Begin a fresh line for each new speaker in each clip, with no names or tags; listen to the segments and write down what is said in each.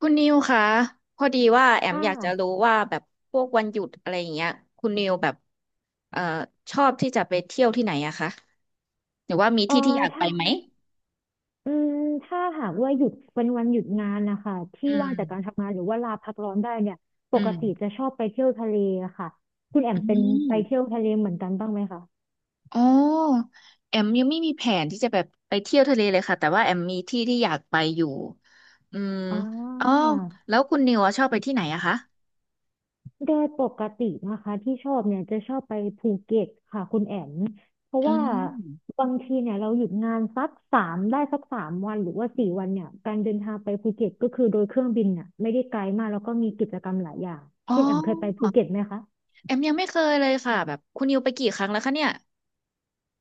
คุณนิวคะพอดีว่าแอม
ค่
อยากจะรู้
ะ
ว่าแบบพวกวันหยุดอะไรอย่างเงี้ยคุณนิวแบบเอ่อชอบที่จะไปเที่ยวที่ไหนอะคะหรือว่ามี
เอ
ที่ที่
อ
อยากไป
ถ้า
ไหม
อืมถ้าหากว่าหยุดเป็นวันหยุดงานนะคะที่
อื
ว่า
ม
งจากการทำงานหรือว่าลาพักร้อนได้เนี่ยป
อื
ก
ม
ติจะชอบไปเที่ยวทะเลอะค่ะคุณแอม
อื
เป็นไป
ม
เที่ยวทะเลเหมือนกันบ้างไหมคะ
อ๋อแอมยังไม่มีแผนที่จะแบบไปเที่ยวทะเลเลยค่ะแต่ว่าแอมมีที่ที่อยากไปอยู่อืม
อ่
อ๋อ
า
แล้วคุณนิวอะชอบไปที่ไหนอะคะ
โดยปกตินะคะที่ชอบเนี่ยจะชอบไปภูเก็ตค่ะคุณแอมเพราะ
อื
ว่า
ม
บางทีเนี่ยเราหยุดงานสักสามวันหรือว่าสี่วันเนี่ยการเดินทางไปภูเก็ตก็คือโดยเครื่องบินน่ะไม่ได้ไกลมากแล้วก็มีกิจกรรมหลายอย่าง
อ๋อ
คุณแอมเคยไปภูเก็ตไหมคะ
แอมยังไม่เคยเลยค่ะแบบคุณนิวไปกี่ครั้งแล้วคะเนี่ย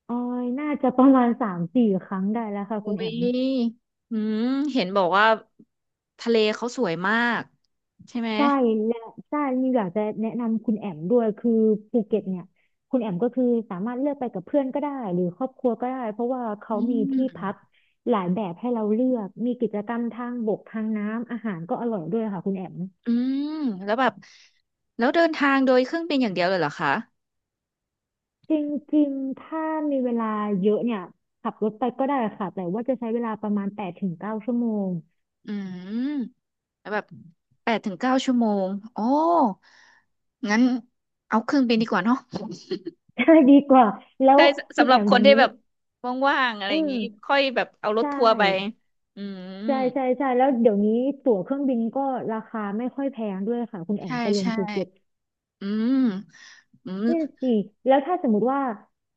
ออยน่าจะประมาณสามสี่ครั้งได้แล้วค่ะคุ
อุ้
ณแอม
ยอืมเห็นบอกว่าทะเลเขาสวยมากใช่ไหม
ใช่และใช่นี่อยากจะแนะนำคุณแอมด้วยคือภูเก็ตเนี่ยคุณแอมก็คือสามารถเลือกไปกับเพื่อนก็ได้หรือครอบครัวก็ได้เพราะว่าเขา
อื
มีที่พัก
ม
หลายแบบให้เราเลือกมีกิจกรรมทางบกทางน้ำอาหารก็อร่อยด้วยค่ะคุณแอม
อืมแล้วแบบแล้วเดินทางโดยเครื่องบินอย่างเดียวเลยเหรอคะ
จริงๆถ้ามีเวลาเยอะเนี่ยขับรถไปก็ได้ค่ะแต่ว่าจะใช้เวลาประมาณแปดถึงเก้าชั่วโมง
อืม แล้วแบบแปดถึงเก้าชั่วโมง โอ้ งั้นเอาเครื่องบินดีกว่าเนาะ
ใช่ดีกว่า แล้ว
ใช่ส
คุณ
สำหรั
แอ
บ
ม
ค
เดี๋
น
ยว
ที่
นี้
แบบว่างๆอะไร
อื
อย่าง
ม
นี้ค่อยแบบเอาร
ใช
ถทัวร์ไป
่
อืม
ใช่ใช่ใช่แล้วเดี๋ยวนี้ตั๋วเครื่องบินก็ราคาไม่ค่อยแพงด้วยค่ะคุณแอม
ใช่
ไปลง
ใช่
ภูเก็ต
อืมอืม
เนี่ยสิแล้วถ้าสมมติว่า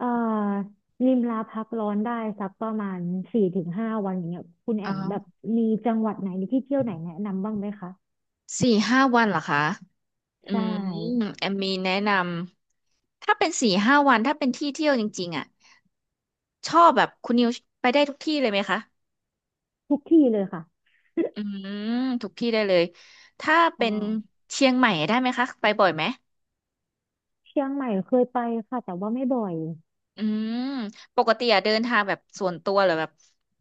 อ่านิมลาพักร้อนได้สักประมาณสี่ถึงห้าวันอย่างเงี้ยคุณ
เ
แอมแบบ
ออ
มีจังหวัดไหนหรือที่เที่ยวไหนแนะนำบ้างไหมคะ
สี่ห้าวันเหรอคะ
ใช
อืม
่
แอมมีแนะนำถ้าเป็นสี่ห้าวันถ้าเป็นที่เที่ยวจริงๆอ่ะชอบแบบคุณนิวไปได้ทุกที่เลยไหมคะ
ทุกที่เลยค่ะ
อืมทุกที่ได้เลยถ้า
อ่
เป็น
า
เชียงใหม่ได้ไหมคะไปบ่อยไหม
เชียงใหม่เคยไปค่ะแต่ว่าไม่บ่อย
อืมปกติอะเดินทางแบบส่วนตัวหรือแบบ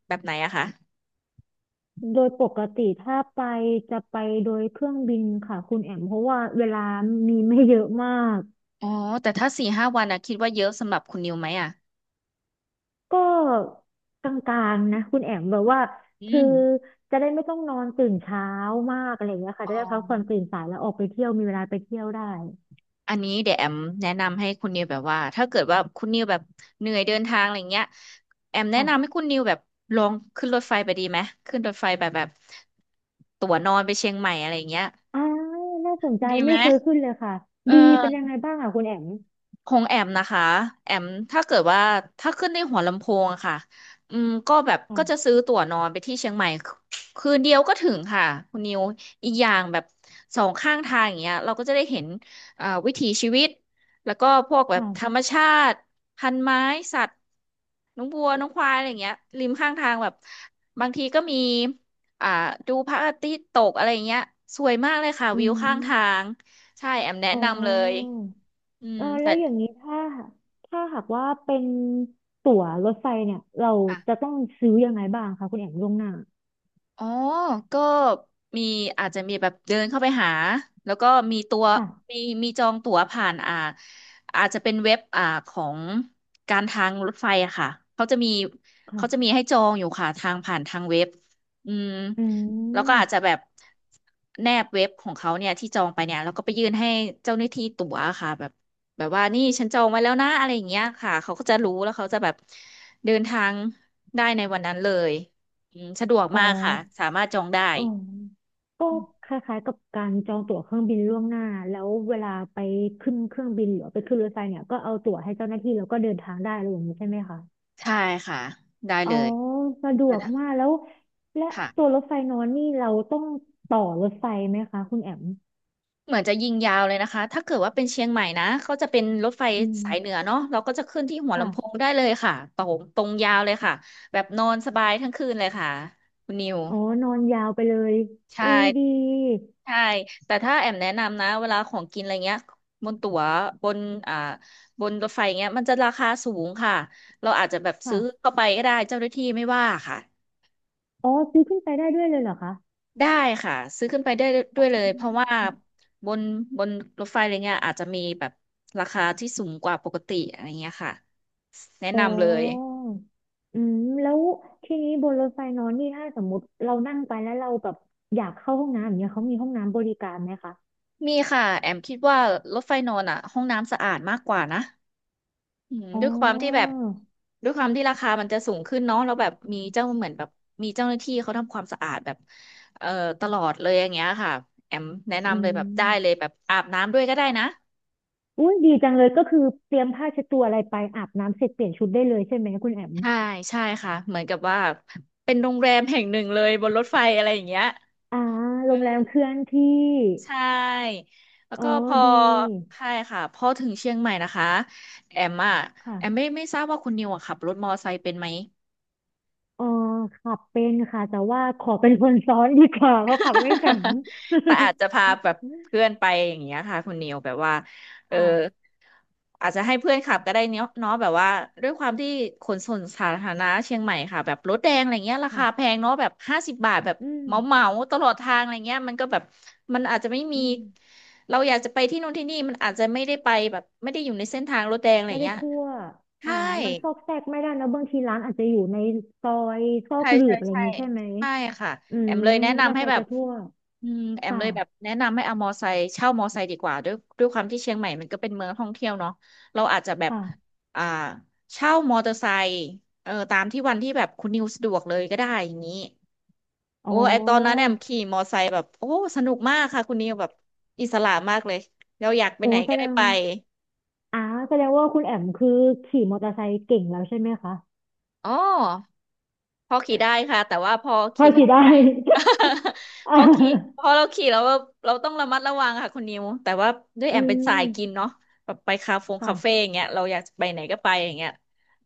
แบบไหนอะคะ
โดยปกติถ้าไปจะไปโดยเครื่องบินค่ะคุณแอมเพราะว่าเวลามีไม่เยอะมาก
อ๋อแต่ถ้าสี่ห้าวันอะคิดว่าเยอะสำหรับคุณนิวไหมอะ
ก็กลางๆนะคุณแอมแบบว่า
อื
คือ
ม
จะได้ไม่ต้องนอนตื่นเช้ามากอะไรอย่างเงี้ยค่ะ
อ๋อ
จะได้พักผ่อนตื่นสายแล้วออกไปเที่ยวมีเวลาไปเที่ยวได้
อันนี้เดี๋ยวแอมแนะนำให้คุณนิวแบบว่าถ้าเกิดว่าคุณนิวแบบเหนื่อยเดินทางอะไรเงี้ยแอมแนะนำให้
ค่ะ
คุณนิวแบบลองขึ้นรถไฟไปดีไหมขึ้นรถไฟแบบแบบตั๋วนอนไปเชียงใหม่อะไรเงี้ย
อ่าน่าสนใจ
ดีไหม
ไม่เคยขึ้นเลยค่ะ
เอ
ดีเป็นยัง
อ
ไงบ้างอ่ะคุณแอม
ของแอมนะคะแอมถ้าเกิดว่าถ้าขึ้นในหัวลำโพงอะค่ะอืมก็แบบก็จะซื้
ค่ะ
อตั๋วนอนไปที่เชียงใหม่คืนเดียวก็ถึงค่ะคุณนิวอีกอย่างแบบสองข้างทางอย่างเงี้ยเราก็จะได้เห็นวิถีชีวิตแล้วก็พวกแบบ
ค่ะ
ธรรมชาติพันไม้สัตว์น้องวัวน้องควายอะไรอย่างเงี้ยริมข้างทางแบบบางทีก็มีอ่าดูพระอาทิตย์ตกอะไรอย่างเงี้ยสวยมากเลยค่ะ
อื
วิวข้างทา
ม
งใช่แอมแนะ
อ๋อ
นำเลยอื
เอ
ม
อ
แต
แล้วอย่างนี้ถ้าหากว่าเป็นตั๋วรถไฟเนี่ยเราจะ
่
ต้องซื้อยังไงบ้างคะคุณแอมล่วงหน้า
อ๋อก็มีอาจจะมีแบบเดินเข้าไปหาแล้วก็มีตัว
ค่ะ
มีมีจองตั๋วผ่านอาจจะเป็นเว็บของการทางรถไฟอะค่ะเขาจะมี
ค่ะ
เขาจะมีให้จองอยู่ค่ะทางผ่านทางเว็บอืม
อื
แล้วก็อาจ
ม
จะแบบแนบเว็บของเขาเนี่ยที่จองไปเนี่ยแล้วก็ไปยื่นให้เจ้าหน้าที่ตั๋วค่ะแบบแบบว่านี่ฉันจองไว้แล้วนะอะไรอย่างเงี้ยค่ะเขาก็จะรู้แล้วเขาจะแบบเดินทางได้ในวันนั้นเลย อืมสะดวก
อ๋อ
มากค่ะสามารถจองได้
อ๋อก็คล้ายๆกับการจองตั๋วเครื่องบินล่วงหน้าแล้วเวลาไปขึ้นเครื่องบินหรือไปขึ้นรถไฟเนี่ยก็เอาตั๋วให้เจ้าหน้าที่แล้วก็เดินทางได้อะไรอย่างนี้ใช่ไหมคะ
ใช่ค่ะได้
อ๋
เล
อ
ย
สะด
แต่
วก
ถ้า
มากแล้วและ
ค่ะ
ตัวรถไฟนอนนี่เราต้องต่อรถไฟไหมคะคุณแอม
เหมือนจะยิงยาวเลยนะคะถ้าเกิดว่าเป็นเชียงใหม่นะเขาจะเป็นรถไฟ
อืม
สายเหนือเนาะเราก็จะขึ้นที่หัวลำโพง
ค่ะ
ได้เลยค่ะตรงตรงยาวเลยค่ะแบบนอนสบายทั้งคืนเลยค่ะคุณนิว
อ๋อนอนยาวไปเลย
ใช
อุ้ยดี
่ใช่แต่ถ้าแอมแนะนำนะเวลาของกินอะไรเงี้ยบนตั๋วบนอ่าบนรถไฟเงี้ยมันจะราคาสูงค่ะเราอาจจะแบบซื้อ
ค่ะ
เข้าไปก็ได้เจ้าหน้าที่ไม่ว่าค่ะ
อ๋อซื้อขึ้นไปได้ด้วยเลยเหรอคะ
ได้ค่ะซื้อขึ้นไปได้ด้วยเล
อ
ยเพราะว่า
ืม
บนบนรถไฟอะไรเงี้ยอาจจะมีแบบราคาที่สูงกว่าปกติอะไรเงี้ยค่ะแนะ
อ๋
นำเลย
ออืมแล้วทีนี้บนรถไฟนอนนี่ถ้าสมมติเรานั่งไปแล้วเราแบบอยากเข้าห้องน้ำอย่างเงี้ยเขามีห้องน้ำบริการไหมคะ
มีค่ะแอมคิดว่ารถไฟนอนอ่ะห้องน้ำสะอาดมากกว่านะอืม
อ๋อ
ด้วยความที่แบบด้วยความที่ราคามันจะสูงขึ้นเนาะแล้วแบบมีเจ้าเหมือนแบบมีเจ้าหน้าที่เขาทำความสะอาดแบบเอ่อตลอดเลยอย่างเงี้ยค่ะแอมแนะ
อื
นำเลยแบบได้เลย
ม
แบบอาบน้ำด้วยก็ได้นะ
อุ้ยดีจังเลยก็คือเตรียมผ้าเช็ดตัวอะไรไปอาบน้ำเสร็จเปลี่ยนชุดได้เลยใช่ไหมคุณแอม
ใช่ใช่ค่ะเหมือนกับว่าเป็นโรงแรมแห่งหนึ่งเลยบนรถไฟอะไรอย่างเงี้ย
อ่าโรงแรมเคลื่อนที่
ใช่แล้ว
อ๋อ
ก็พอ
ดี
ใช่ค่ะพอถึงเชียงใหม่นะคะแอมอ่ะแอมไม่
ค่ะ
ไม่ทราบว่าคุณนิวอะขับรถมอไซค์เป็นไหม
อ๋อขับเป็นค่ะแต่ว่าขอเป็นคนซ้อนดีกว่าเพราะขับไม่แข็ง
แต่อาจจะพาแบบเพื่อนไปอย่างเงี้ยค่ะคุณนิวแบบว่าเออ
ค่ะ
อาจจะให้เพื่อนขับก็ได้เนาะแบบว่าด้วยความที่ขนส่งสาธารณะเชียงใหม่ค่ะแบบรถแดงอะไรเงี้ยราคาแพ
ค่ะ
งเนาะแบบ50 บาทแบบ
อืม
เหมาเหมาตลอดทางอะไรเงี้ยมันก็แบบมันอาจจะไม่มี
อืม
เราอยากจะไปที่นู่นที่นี่มันอาจจะไม่ได้ไปแบบไม่ได้อยู่ในเส้นทางรถแดงอะไร
ไม่ได้
เงี้ย
ทั่วอ่า
ใช่
มันซอกแซกไม่ได้นะบางทีร้านอาจจะอยู่ในซอยซอ
ใช่
กหลื
ใช่
บอะไรอย่า
ใช่
งนี้ใช่ไหม
ใช่ค่ะ
อื
แอ
ม
มเลยแนะ
มอเตอ
นำ
ร์
ให้
ไซ
แบ
ค์
บ
จะทั่ว
แอม
ค่ะ
เลยแบบแนะนำให้เอามอไซค์เช่ามอไซค์ดีกว่าด้วยความที่เชียงใหม่มันก็เป็นเมืองท่องเที่ยวเนาะเราอาจจะแบบ
ค่ะ
อ่าเช่ามอเตอร์ไซค์เออตามที่วันที่แบบคุณนิวสะดวกเลยก็ได้อย่างนี้
อ๋อ
โอ้ไอตอนนั้นแอมขี่มอไซค์แบบโอ้สนุกมากค่ะคุณนิวแบบอิสระมากเลยเราอยากไป
โอ้
ไหน
แส
ก็
ด
ได้
ง
ไป
อ่าแสดงว่าคุณแอมคือขี่มอเตอร์ไซค์เก่งแล้วใช่ไหมคะ
อ๋อ พอขี่ได้ค่ะแต่ว่าพอ
พอ
ขี่ถ
ขี่
นน
ได้
ใหญ่ พ
อ่า
อขี่พอเราขี่แล้วเราต้องระมัดระวังค่ะคุณนิวแต่ว่าด้วย
อื
แอมเป็นสาย
ม
กินเนาะแบบไปคาเฟงคาเฟ่อ
ค่ะ
ย่างเงี้ยเราอยากไปไหนก็ไปอย่างเงี้ย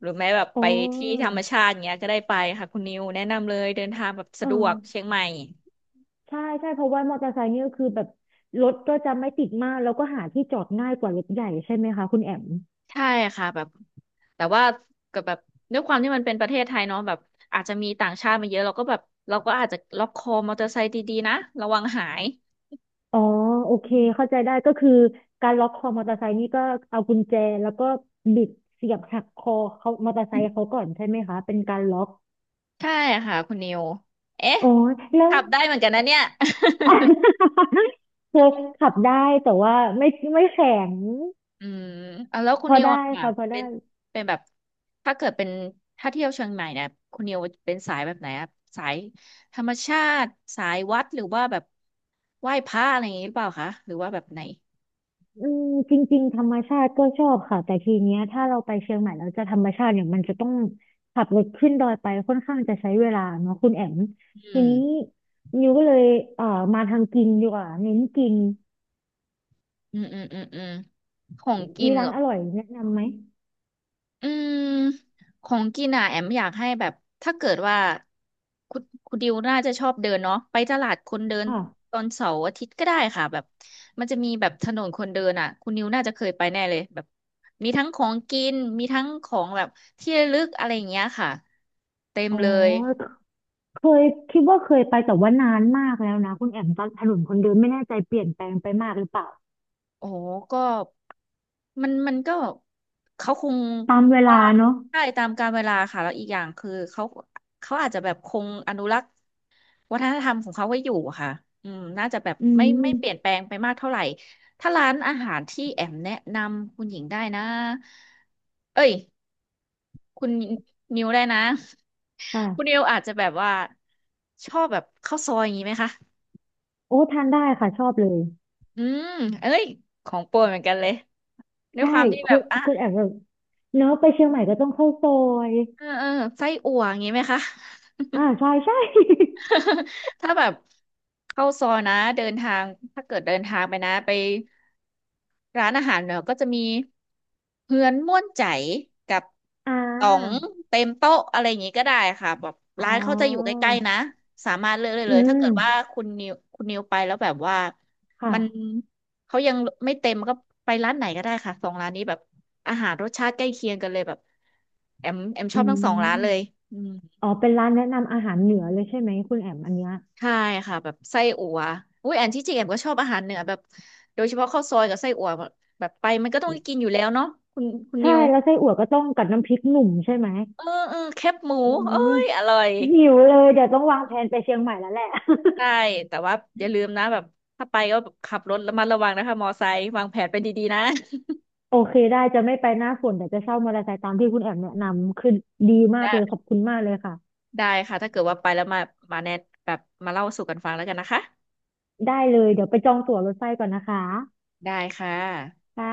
หรือแม้แบบไป
โอ้
ที่ธรรมชาติอย่างเงี้ยก็ได้ไปค่ะคุณนิวแนะนำเลยเดินทางแบบ
เอ
สะ
อ
ดวกเชียงใหม่
ใช่ใช่เพราะว่ามอเตอร์ไซค์นี่ก็คือแบบรถก็จะไม่ติดมากแล้วก็หาที่จอดง่ายกว่ารถใหญ่ใช่ไหมคะคุณแอม
ใช่ค่ะแบบแต่ว่ากับแบบด้วยความที่มันเป็นประเทศไทยเนาะแบบอาจจะมีต่างชาติมาเยอะเราก็แบบเราก็อาจจะล็อกคอมอเตอร์ไซค์ดีๆนะระวังหาย
อ๋อโอเค
อืม
เข้าใจได้ก็คือการล็อกคอมอเตอร์ไซค์นี่ก็เอากุญแจแล้วก็บิดเสียบหักคอเขามอเตอร์ไซค์เขาก่อนใช่ไหมคะเป็นการล็อก
ใช่ค่ะคุณนิวเอ๊ะ
โอ้อแล้ว
ขับได้เหมือนกันนะเนี่ย
คือขับได้แต่ว่าไม่แข็ง
อืมเอาแล้วคุ
พ
ณ
อ
นิว
ได้
อะค่ะ
ค่ะพอ
เป็
ได้
นเป็นแบบถ้าเกิดเป็นถ้าเที่ยวเชียงใหม่เนี่ยคุณนิวเป็นสายแบบไหนอะสายธรรมชาติสายวัดหรือว่าแบบไหว้พระอะไรอย่างนี้หรือเปล่าคะหรือว่าแบบไหน
อืมจริงๆธรรมชาติก็ชอบค่ะแต่ทีเนี้ยถ้าเราไปเชียงใหม่แล้วจะธรรมชาติเนี่ยมันจะต้องขับรถขึ้นดอยไปค่อนข้างจะใช้เวลาเนาะคุณแอม
อื
ที
ม
นี้นิวก็เลยเอ่อมาทางกินดีกว่าเน้นกิน
อืมอืมของกิ
มี
นเห
ร้า
ร
น
อ
อร่อยแนะนำไหม
อืมของกินอ่ะแอมอยากให้แบบถ้าเกิดว่าคุณดิวน่าจะชอบเดินเนาะไปตลาดคนเดิน
ค่ะ
ตอนเสาร์อาทิตย์ก็ได้ค่ะแบบมันจะมีแบบถนนคนเดินอ่ะคุณดิวน่าจะเคยไปแน่เลยแบบมีทั้งของกินมีทั้งของแบบที่ระลึกอะไรอย่างเงี้ยค่ะเต็ม
อ๋อ
เลย
เคยคิดว่าเคยไปแต่ว่านานมากแล้วนะคุณแอมตอนถนนคนเดินไม่แน่ใจเปลี่ยนแปลงไปมากหรือเปล่า
โอ้โหก็มันก็เขาคง
ตามเว
ว่า
ลาเนาะ
ใช่ตามกาลเวลาค่ะแล้วอีกอย่างคือเขาอาจจะแบบคงอนุรักษ์ วัฒนธรรมของเขาก็อยู่อะค่ะ อืม น่าจะแบบ
อื
ไม่
ม
ไม่เปลี่ยนแปลงไปมากเท่าไหร่ถ้าร้านอาหารที่แอมแนะนำคุณหญิงได้นะเอ้ยคุณนิวได้นะ
ค่ะ
คุณนิวอาจจะแบบว่าชอบแบบข้าวซอยอย่างนี้ไหมคะ
โอ้ทานได้ค่ะชอบเลย
อืมเอ้ยของโปรดเหมือนกันเลยด้วย
ใช่
ความที่แบบอ่ะ
คุณแอมแบบเนาะไปเชียงใหม่ก็ต้องเข้าซอย
เออไส้อั่วอย่างนี้ไหมคะ
ใช่ใช่
ถ้าแบบเข้าซอยนะ เดินทาง ถ้าเกิดเดินทางไปนะไป ร้านอาหารเนี่ยก็จะมีเฮือนม่วนใจกับ
อ่
ต๋อง
า
เต็มโต๊ะอะไรอย่างงี้ก็ได้ค่ะแบบ
อ๋อ
ร้านเขาจะอยู่ใกล้ๆนะสามารถเลือกได้
อื
เลยถ้า
ม
เกิดว่าคุณนิวไปแล้วแบบว่า
ค่ะ
มันเขายังไม่เต็มก็ไปร้านไหนก็ได้ค่ะสองร้านนี้แบบอาหารรสชาติใกล้เคียงกันเลยแบบแอมช
อื
อบทั้งสองร้านเลย
ม
อืม
อ๋อเป็นร้านแนะนำอาหารเหนือเลยใช่ไหมคุณแอมอันเนี้ย
ใช่ค่ะแบบไส้อั่วอุ้ยแอนที่จริงแอนก็ชอบอาหารเหนือแบบโดยเฉพาะข้าวซอยกับไส้อั่วแบบไปมันก็ต้องได้กินอยู่แล้วเนาะคุณคุณ
ใช่
นิว
แล้วไส้อั่วก็ต้องกับน้ำพริกหนุ่มใช่ไหม
เออแคบหมู
อื
เอ้
ม
ยอร่อย
หิวเลยเดี๋ยวต้องวางแผนไปเชียงใหม่แล้วแหละ
ใช่แต่ว่าอย่าลืมนะแบบถ้าไปก็ขับรถระมัดระวังนะคะมอไซค์วางแผนเป็นดีๆนะ
โอเคได้จะไม่ไปหน้าฝนแต่จะเช่ามอเตอร์ไซค์ตามที่คุณแอมแนะนำคือดี มากเลยข
ได้
อบคุณมากเลยค่ะ
ได้ค่ะถ้าเกิดว่าไปแล้วมามาแนะแบบมาเล่าสู่กันฟังแล้วกันนะคะ
ได้เลยเดี๋ยวไปจองตั๋วรถไฟก่อนนะคะ
ได้ค่ะ
ค่ะ